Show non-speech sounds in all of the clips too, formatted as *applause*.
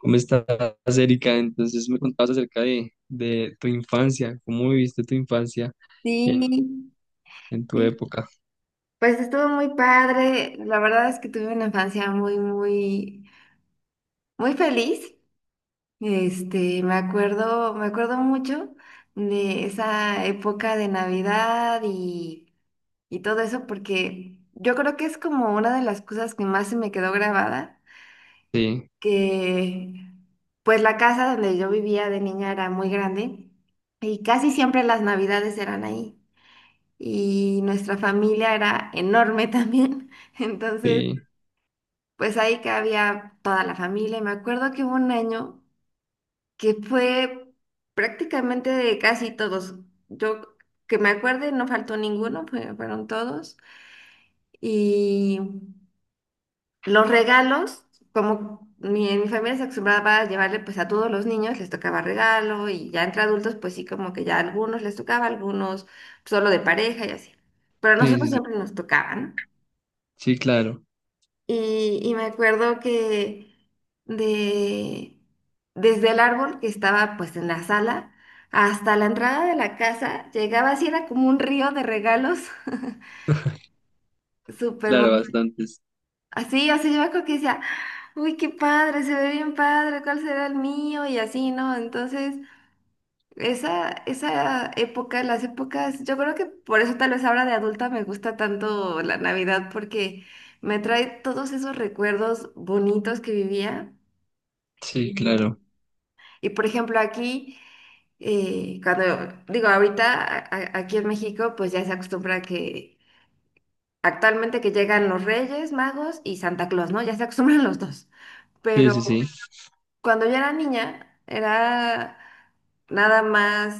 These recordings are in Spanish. ¿Cómo estás, Erika? Entonces me contabas acerca de tu infancia, cómo viviste tu infancia en, Sí, en tu sí, época. pues estuvo muy padre. La verdad es que tuve una infancia muy, muy, muy feliz. Me acuerdo mucho de esa época de Navidad y todo eso, porque yo creo que es como una de las cosas que más se me quedó grabada, Sí, que pues la casa donde yo vivía de niña era muy grande y casi siempre las Navidades eran ahí. Y nuestra familia era enorme también. *laughs* Entonces, sí, pues ahí cabía toda la familia. Y me acuerdo que hubo un año que fue prácticamente de casi todos. Yo que me acuerde, no faltó ninguno, fueron todos. Y los regalos, como mi familia se acostumbraba a llevarle pues a todos los niños, les tocaba regalo, y ya entre adultos pues sí, como que ya a algunos les tocaba, a algunos solo de pareja y así. Pero a sí, nosotros sí, sí, siempre nos tocaban. sí, claro, Y me acuerdo que de, desde el árbol que estaba pues en la sala hasta la entrada de la casa llegaba así, era como un río de regalos, *laughs* *laughs* súper claro, bonito. bastantes. Así, así yo me acuerdo que decía, uy, qué padre, se ve bien padre, ¿cuál será el mío? Y así, ¿no? Entonces, esa época, las épocas, yo creo que por eso tal vez ahora de adulta me gusta tanto la Navidad porque me trae todos esos recuerdos bonitos que vivía. Sí, Y, claro, y, por ejemplo, aquí, cuando digo ahorita, aquí en México, pues ya se acostumbra que actualmente que llegan los Reyes Magos y Santa Claus, ¿no? Ya se acostumbran los dos. sí, sí, sí. Pero cuando yo era niña, era nada más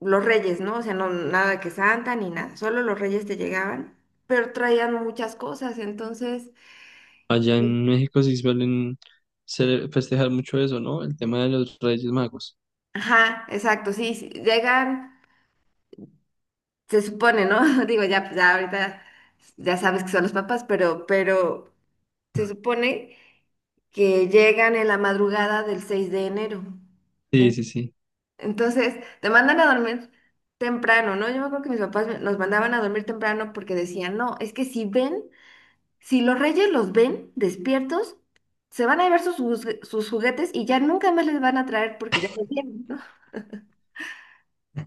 los Reyes, ¿no? O sea, no, nada que Santa ni nada, solo los Reyes te llegaban, pero traían muchas cosas. Entonces, Allá en sí. México sí suelen festejar mucho eso, ¿no? El tema de los Reyes Magos. Ajá, exacto, sí, sí, llegan. Se supone, ¿no? *laughs* Digo, ya, pues, ya ahorita ya sabes que son los papás, pero se supone que llegan en la madrugada del 6 de enero. Sí, En- sí, sí, Entonces, te mandan a dormir temprano, ¿no? Yo me acuerdo que mis papás nos mandaban a dormir temprano porque decían, no, es que si ven, si los reyes los ven despiertos, se van a llevar sus juguetes y ya nunca más les van a traer porque ya los vieron, ¿no?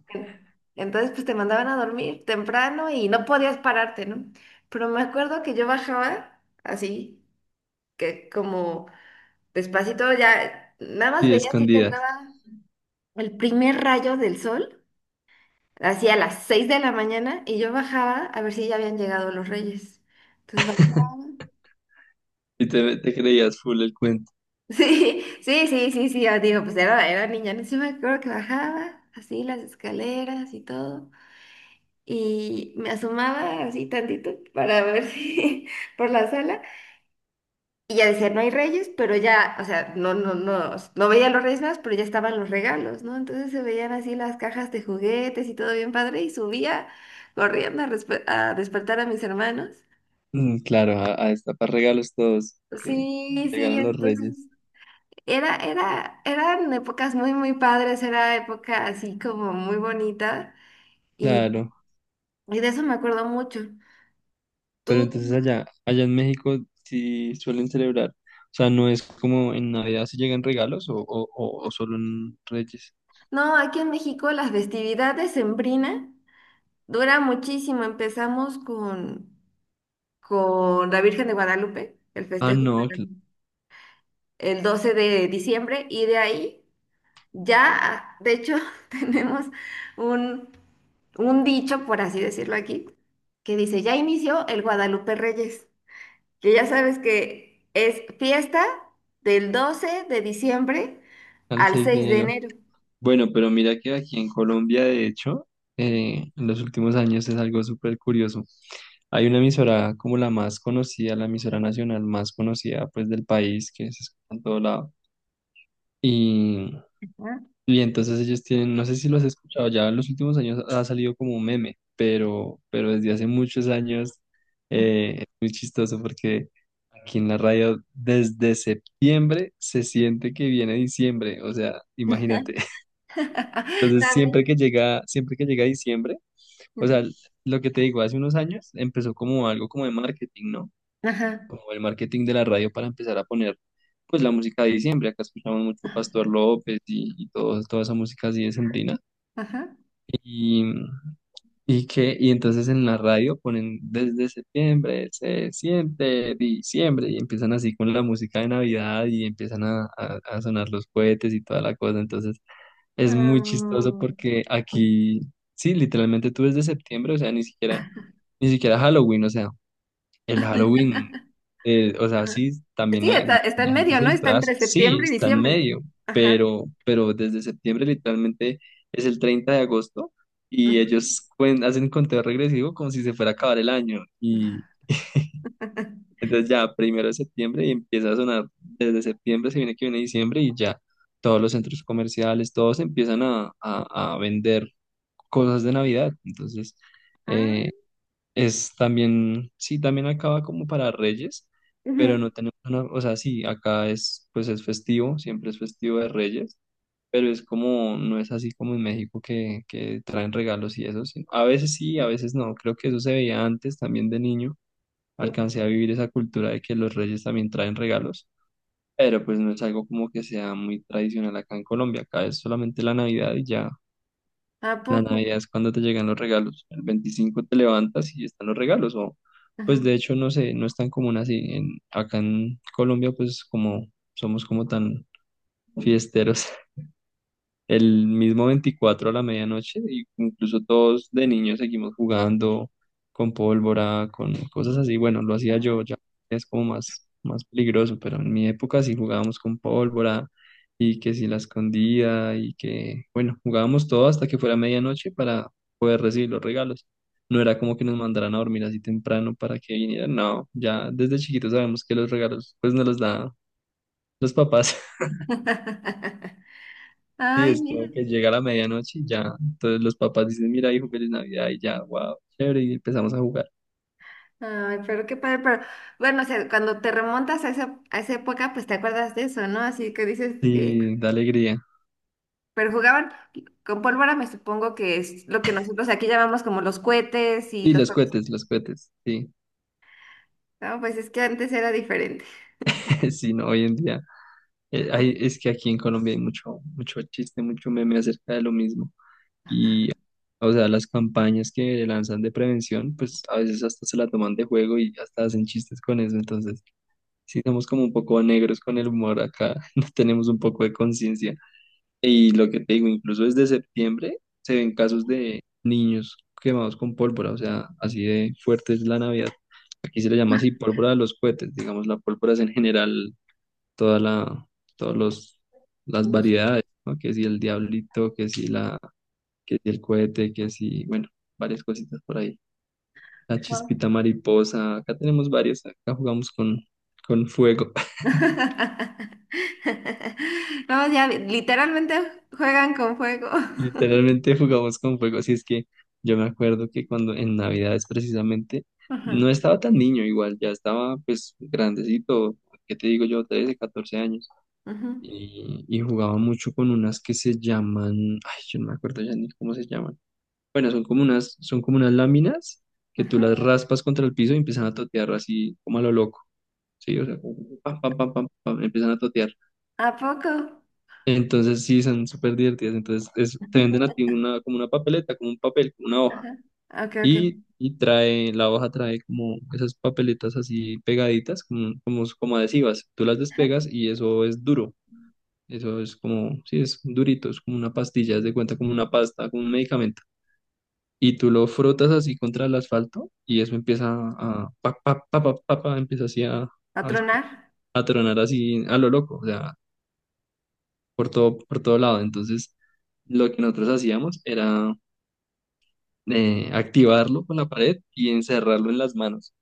En- Entonces, pues te mandaban a dormir temprano y no podías pararte, ¿no? Pero me acuerdo que yo bajaba así, que como despacito ya, nada más sí, veía así que escondida. entraba el primer rayo del sol, así a las 6 de la mañana, y yo bajaba a ver si ya habían llegado los reyes. Entonces bajaba. *laughs* *laughs* Y te creías full el cuento. Sí, sí, sí, sí, sí, ah, digo, pues era, era niña, ¿no? Sí me acuerdo que bajaba así las escaleras y todo. Y me asomaba así tantito para ver *laughs* si por la sala, y ya decía, no hay reyes, pero ya, o sea, no, no, no, no veía los reyes más, pero ya estaban los regalos, ¿no? Entonces se veían así las cajas de juguetes y todo bien padre, y subía corriendo a, a despertar a mis hermanos. Mm, claro, a destapar regalos todos que Sí, sí, llegaron los entonces Reyes. Eran épocas muy, muy padres, era época así como muy bonita y, Claro. y de eso me acuerdo mucho. Pero ¿Tú? entonces allá en México sí suelen celebrar. O sea, no es como en Navidad si llegan regalos o solo en Reyes. No, aquí en México las festividades sembrina dura muchísimo. Empezamos con la Virgen de Guadalupe, el Ah, festejo no, del- el 12 de diciembre, y de ahí ya, de hecho, *laughs* tenemos un, un dicho, por así decirlo aquí, que dice, ya inició el Guadalupe Reyes, que ya sabes que es fiesta del 12 de diciembre al al 6 de seis de enero. enero. Bueno, pero mira que aquí en Colombia, de hecho, en los últimos años es algo súper curioso. Hay una emisora como la más conocida, la emisora nacional más conocida pues del país, que se escucha en todo lado. ¿Ah? Y entonces ellos tienen, no sé si lo has escuchado, ya en los últimos años ha salido como un meme, pero desde hace muchos años es muy chistoso porque aquí en la radio desde septiembre se siente que viene diciembre, o sea, imagínate. *laughs* *laughs* Entonces siempre También. que llega, siempre que llega diciembre, o sea, lo que te digo, hace unos años empezó como algo como de marketing, ¿no? Ajá, Como el marketing de la radio para empezar a poner pues la música de diciembre, acá escuchamos mucho ajá. Pastor López y todo, toda esa música así de Ajá. y, y que, y entonces en la radio ponen desde septiembre, se siente diciembre, y empiezan así con la música de Navidad y empiezan a sonar los cohetes y toda la cosa. Entonces es muy chistoso Ah, porque aquí, sí, literalmente tú desde septiembre, o sea, ni siquiera Halloween, o sea. El Halloween, o sea, ajá. sí, también Sí, está, está en la gente medio, se ¿no? Está disfraza, entre sí, septiembre y está en diciembre. medio, Ajá. pero desde septiembre literalmente es el 30 de agosto y Ajá. ellos hacen conteo regresivo como si se fuera a acabar el año. Y *laughs* entonces ya, primero de septiembre y empieza a sonar, desde septiembre se viene que viene diciembre y ya todos los centros comerciales, todos empiezan a vender cosas de Navidad. Entonces, eh, Ah, es también, sí, también acaba como para Reyes, pero ujú. no tenemos una, o sea, sí, acá es, pues es festivo, siempre es festivo de Reyes, pero es como, no es así como en México que traen regalos y eso, sí. A veces sí, a veces no, creo que eso se veía antes también de niño, alcancé a vivir esa cultura de que los Reyes también traen regalos, pero pues no es algo como que sea muy tradicional acá en Colombia, acá es solamente la Navidad y ya. ¿A La poco? Navidad es cuando te llegan los regalos. El 25 te levantas y están los regalos. O, pues Ajá. de hecho, no sé, no es tan común así. En, acá en Colombia, pues como somos como tan fiesteros, el mismo 24 a la medianoche, y incluso todos de niños seguimos jugando con pólvora, con cosas así. Bueno, lo hacía yo, ya es como más, más peligroso, pero en mi época sí jugábamos con pólvora y que si la escondía y que, bueno, jugábamos todo hasta que fuera medianoche para poder recibir los regalos. No era como que nos mandaran a dormir así temprano para que vinieran, no, ya desde chiquitos sabemos que los regalos pues nos los da los papás. *laughs* *laughs* Sí, Ay, es mira. como que llega la medianoche y ya. Entonces los papás dicen, mira, hijo, feliz Navidad y ya, wow, chévere, y empezamos a jugar. Ay, pero qué padre, pero bueno, o sea, cuando te remontas a a esa época, pues te acuerdas de eso, ¿no? Así que dices que, Sí, da alegría. pero jugaban con pólvora, me supongo que es lo que nosotros aquí llamamos como los cohetes y Y los juegos, los cohetes, sí, ¿no? Pues es que antes era diferente. *laughs* sí, no, hoy en día. Es que aquí en Colombia hay mucho, mucho chiste, mucho meme acerca de lo mismo. Y, o sea, las campañas que lanzan de prevención, pues a veces hasta se la toman de juego y hasta hacen chistes con eso. Entonces, sí, somos como un poco negros con el humor acá, *laughs* no tenemos un poco de conciencia. Y lo que te digo, incluso desde septiembre se ven casos de niños quemados con pólvora, o sea, así de fuerte es la Navidad. Aquí se le llama así *laughs* pólvora de los cohetes, digamos, la pólvora es en general toda la, todos los, las variedades, ¿no? Que si Ujú. el diablito, que si la, que si el cohete, que si, bueno, varias cositas por ahí. La No, chispita mariposa, acá tenemos varias, acá jugamos con fuego. *laughs* no, ya literalmente juegan con fuego. *laughs* Literalmente jugamos con fuego, así es que yo me acuerdo que cuando en Navidades precisamente Ajá, no estaba tan niño igual, ya estaba pues grandecito, ¿qué te digo yo? 13, 14 años ajá, y jugaba mucho con unas que se llaman, ay, yo no me acuerdo ya ni cómo se llaman. Bueno, son como unas láminas que tú ajá. las raspas contra el piso y empiezan a totear así como a lo loco, ¿sí? O sea, como pam, pam, pam, pam, pam, empiezan a totear. ¿A poco? Entonces sí, son súper divertidas. Entonces te venden a ti una, como una papeleta, como un papel, como una hoja. Ajá. Ok, ok. Y trae, la hoja trae como esas papeletas así pegaditas, como adhesivas. Tú las despegas y eso es duro. Eso es como, sí, es durito, es como una pastilla, es de cuenta como una pasta, como un medicamento. Y tú lo frotas así contra el asfalto y eso empieza a, pa, pa, pa, pa, pa, pa, empieza así ¿A a, tronar? a tronar así a lo loco. O sea, por todo lado. Entonces, lo que nosotros hacíamos era activarlo con la pared y encerrarlo en las manos.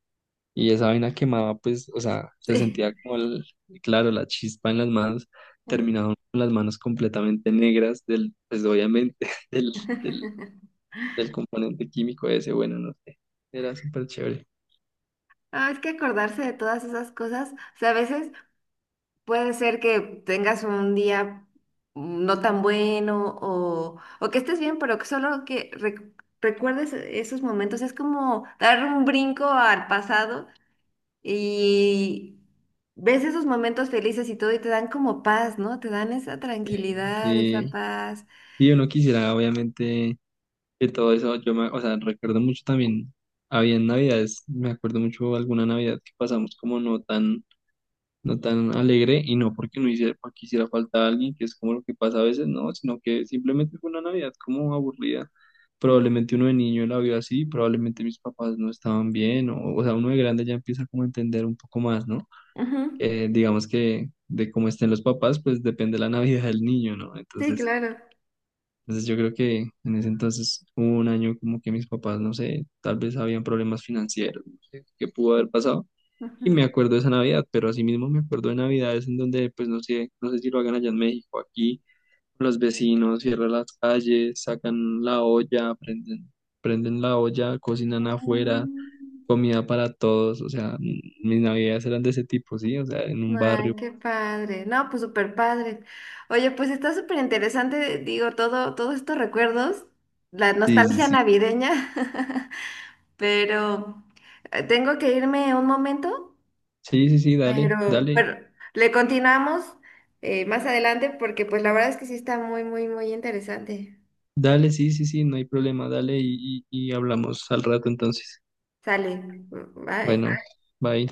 Y esa vaina quemaba, pues, o sea, se Sí. sentía como, claro, la chispa en las manos, terminaban con las manos completamente negras pues, obviamente, *laughs* del, del, *laughs* del componente químico ese, bueno, no sé, era súper chévere. Ah, es que acordarse de todas esas cosas, o sea, a veces puede ser que tengas un día no tan bueno, o que estés bien, pero que solo que recuerdes esos momentos es como dar un brinco al pasado, y ves esos momentos felices y todo, y te dan como paz, ¿no? Te dan esa Sí, tranquilidad, esa sí, paz. y uno quisiera, obviamente y todo eso, yo me, o sea, recuerdo mucho también, había navidades, me acuerdo mucho alguna navidad que pasamos como no tan alegre y no porque no hiciera, porque hiciera falta alguien, que es como lo que pasa a veces, no, sino que simplemente fue una navidad como aburrida. Probablemente uno de niño la vio así, probablemente mis papás no estaban bien, o sea, uno de grande ya empieza como a entender un poco más, ¿no? Ujú. Digamos que de cómo estén los papás, pues depende la *laughs* Navidad del niño, ¿no? Sí, Entonces, claro. entonces yo creo que en ese entonces hubo un año como que mis papás, no sé, tal vez habían problemas financieros, no sé qué pudo haber pasado. Y me Ujú. acuerdo de esa Navidad, pero asimismo me acuerdo de Navidades en donde, pues no sé, si lo hagan allá en México, aquí los vecinos cierran las calles, sacan la olla, prenden la olla, cocinan afuera, Mm. comida para todos, o sea, mm, mis Navidades eran de ese tipo, ¿sí? O sea, en un barrio. Ay, qué padre. No, pues súper padre. Oye, pues está súper interesante, digo, todo, todos estos recuerdos, la Sí, sí, nostalgia sí. navideña, *laughs* pero tengo que irme un momento. Sí, sí, sí, dale, dale. Pero le continuamos más adelante porque pues la verdad es que sí está muy, muy, muy interesante. Dale, sí, sí, sí, no hay problema, dale y hablamos al rato entonces. Sale. Bueno, Bye. bye.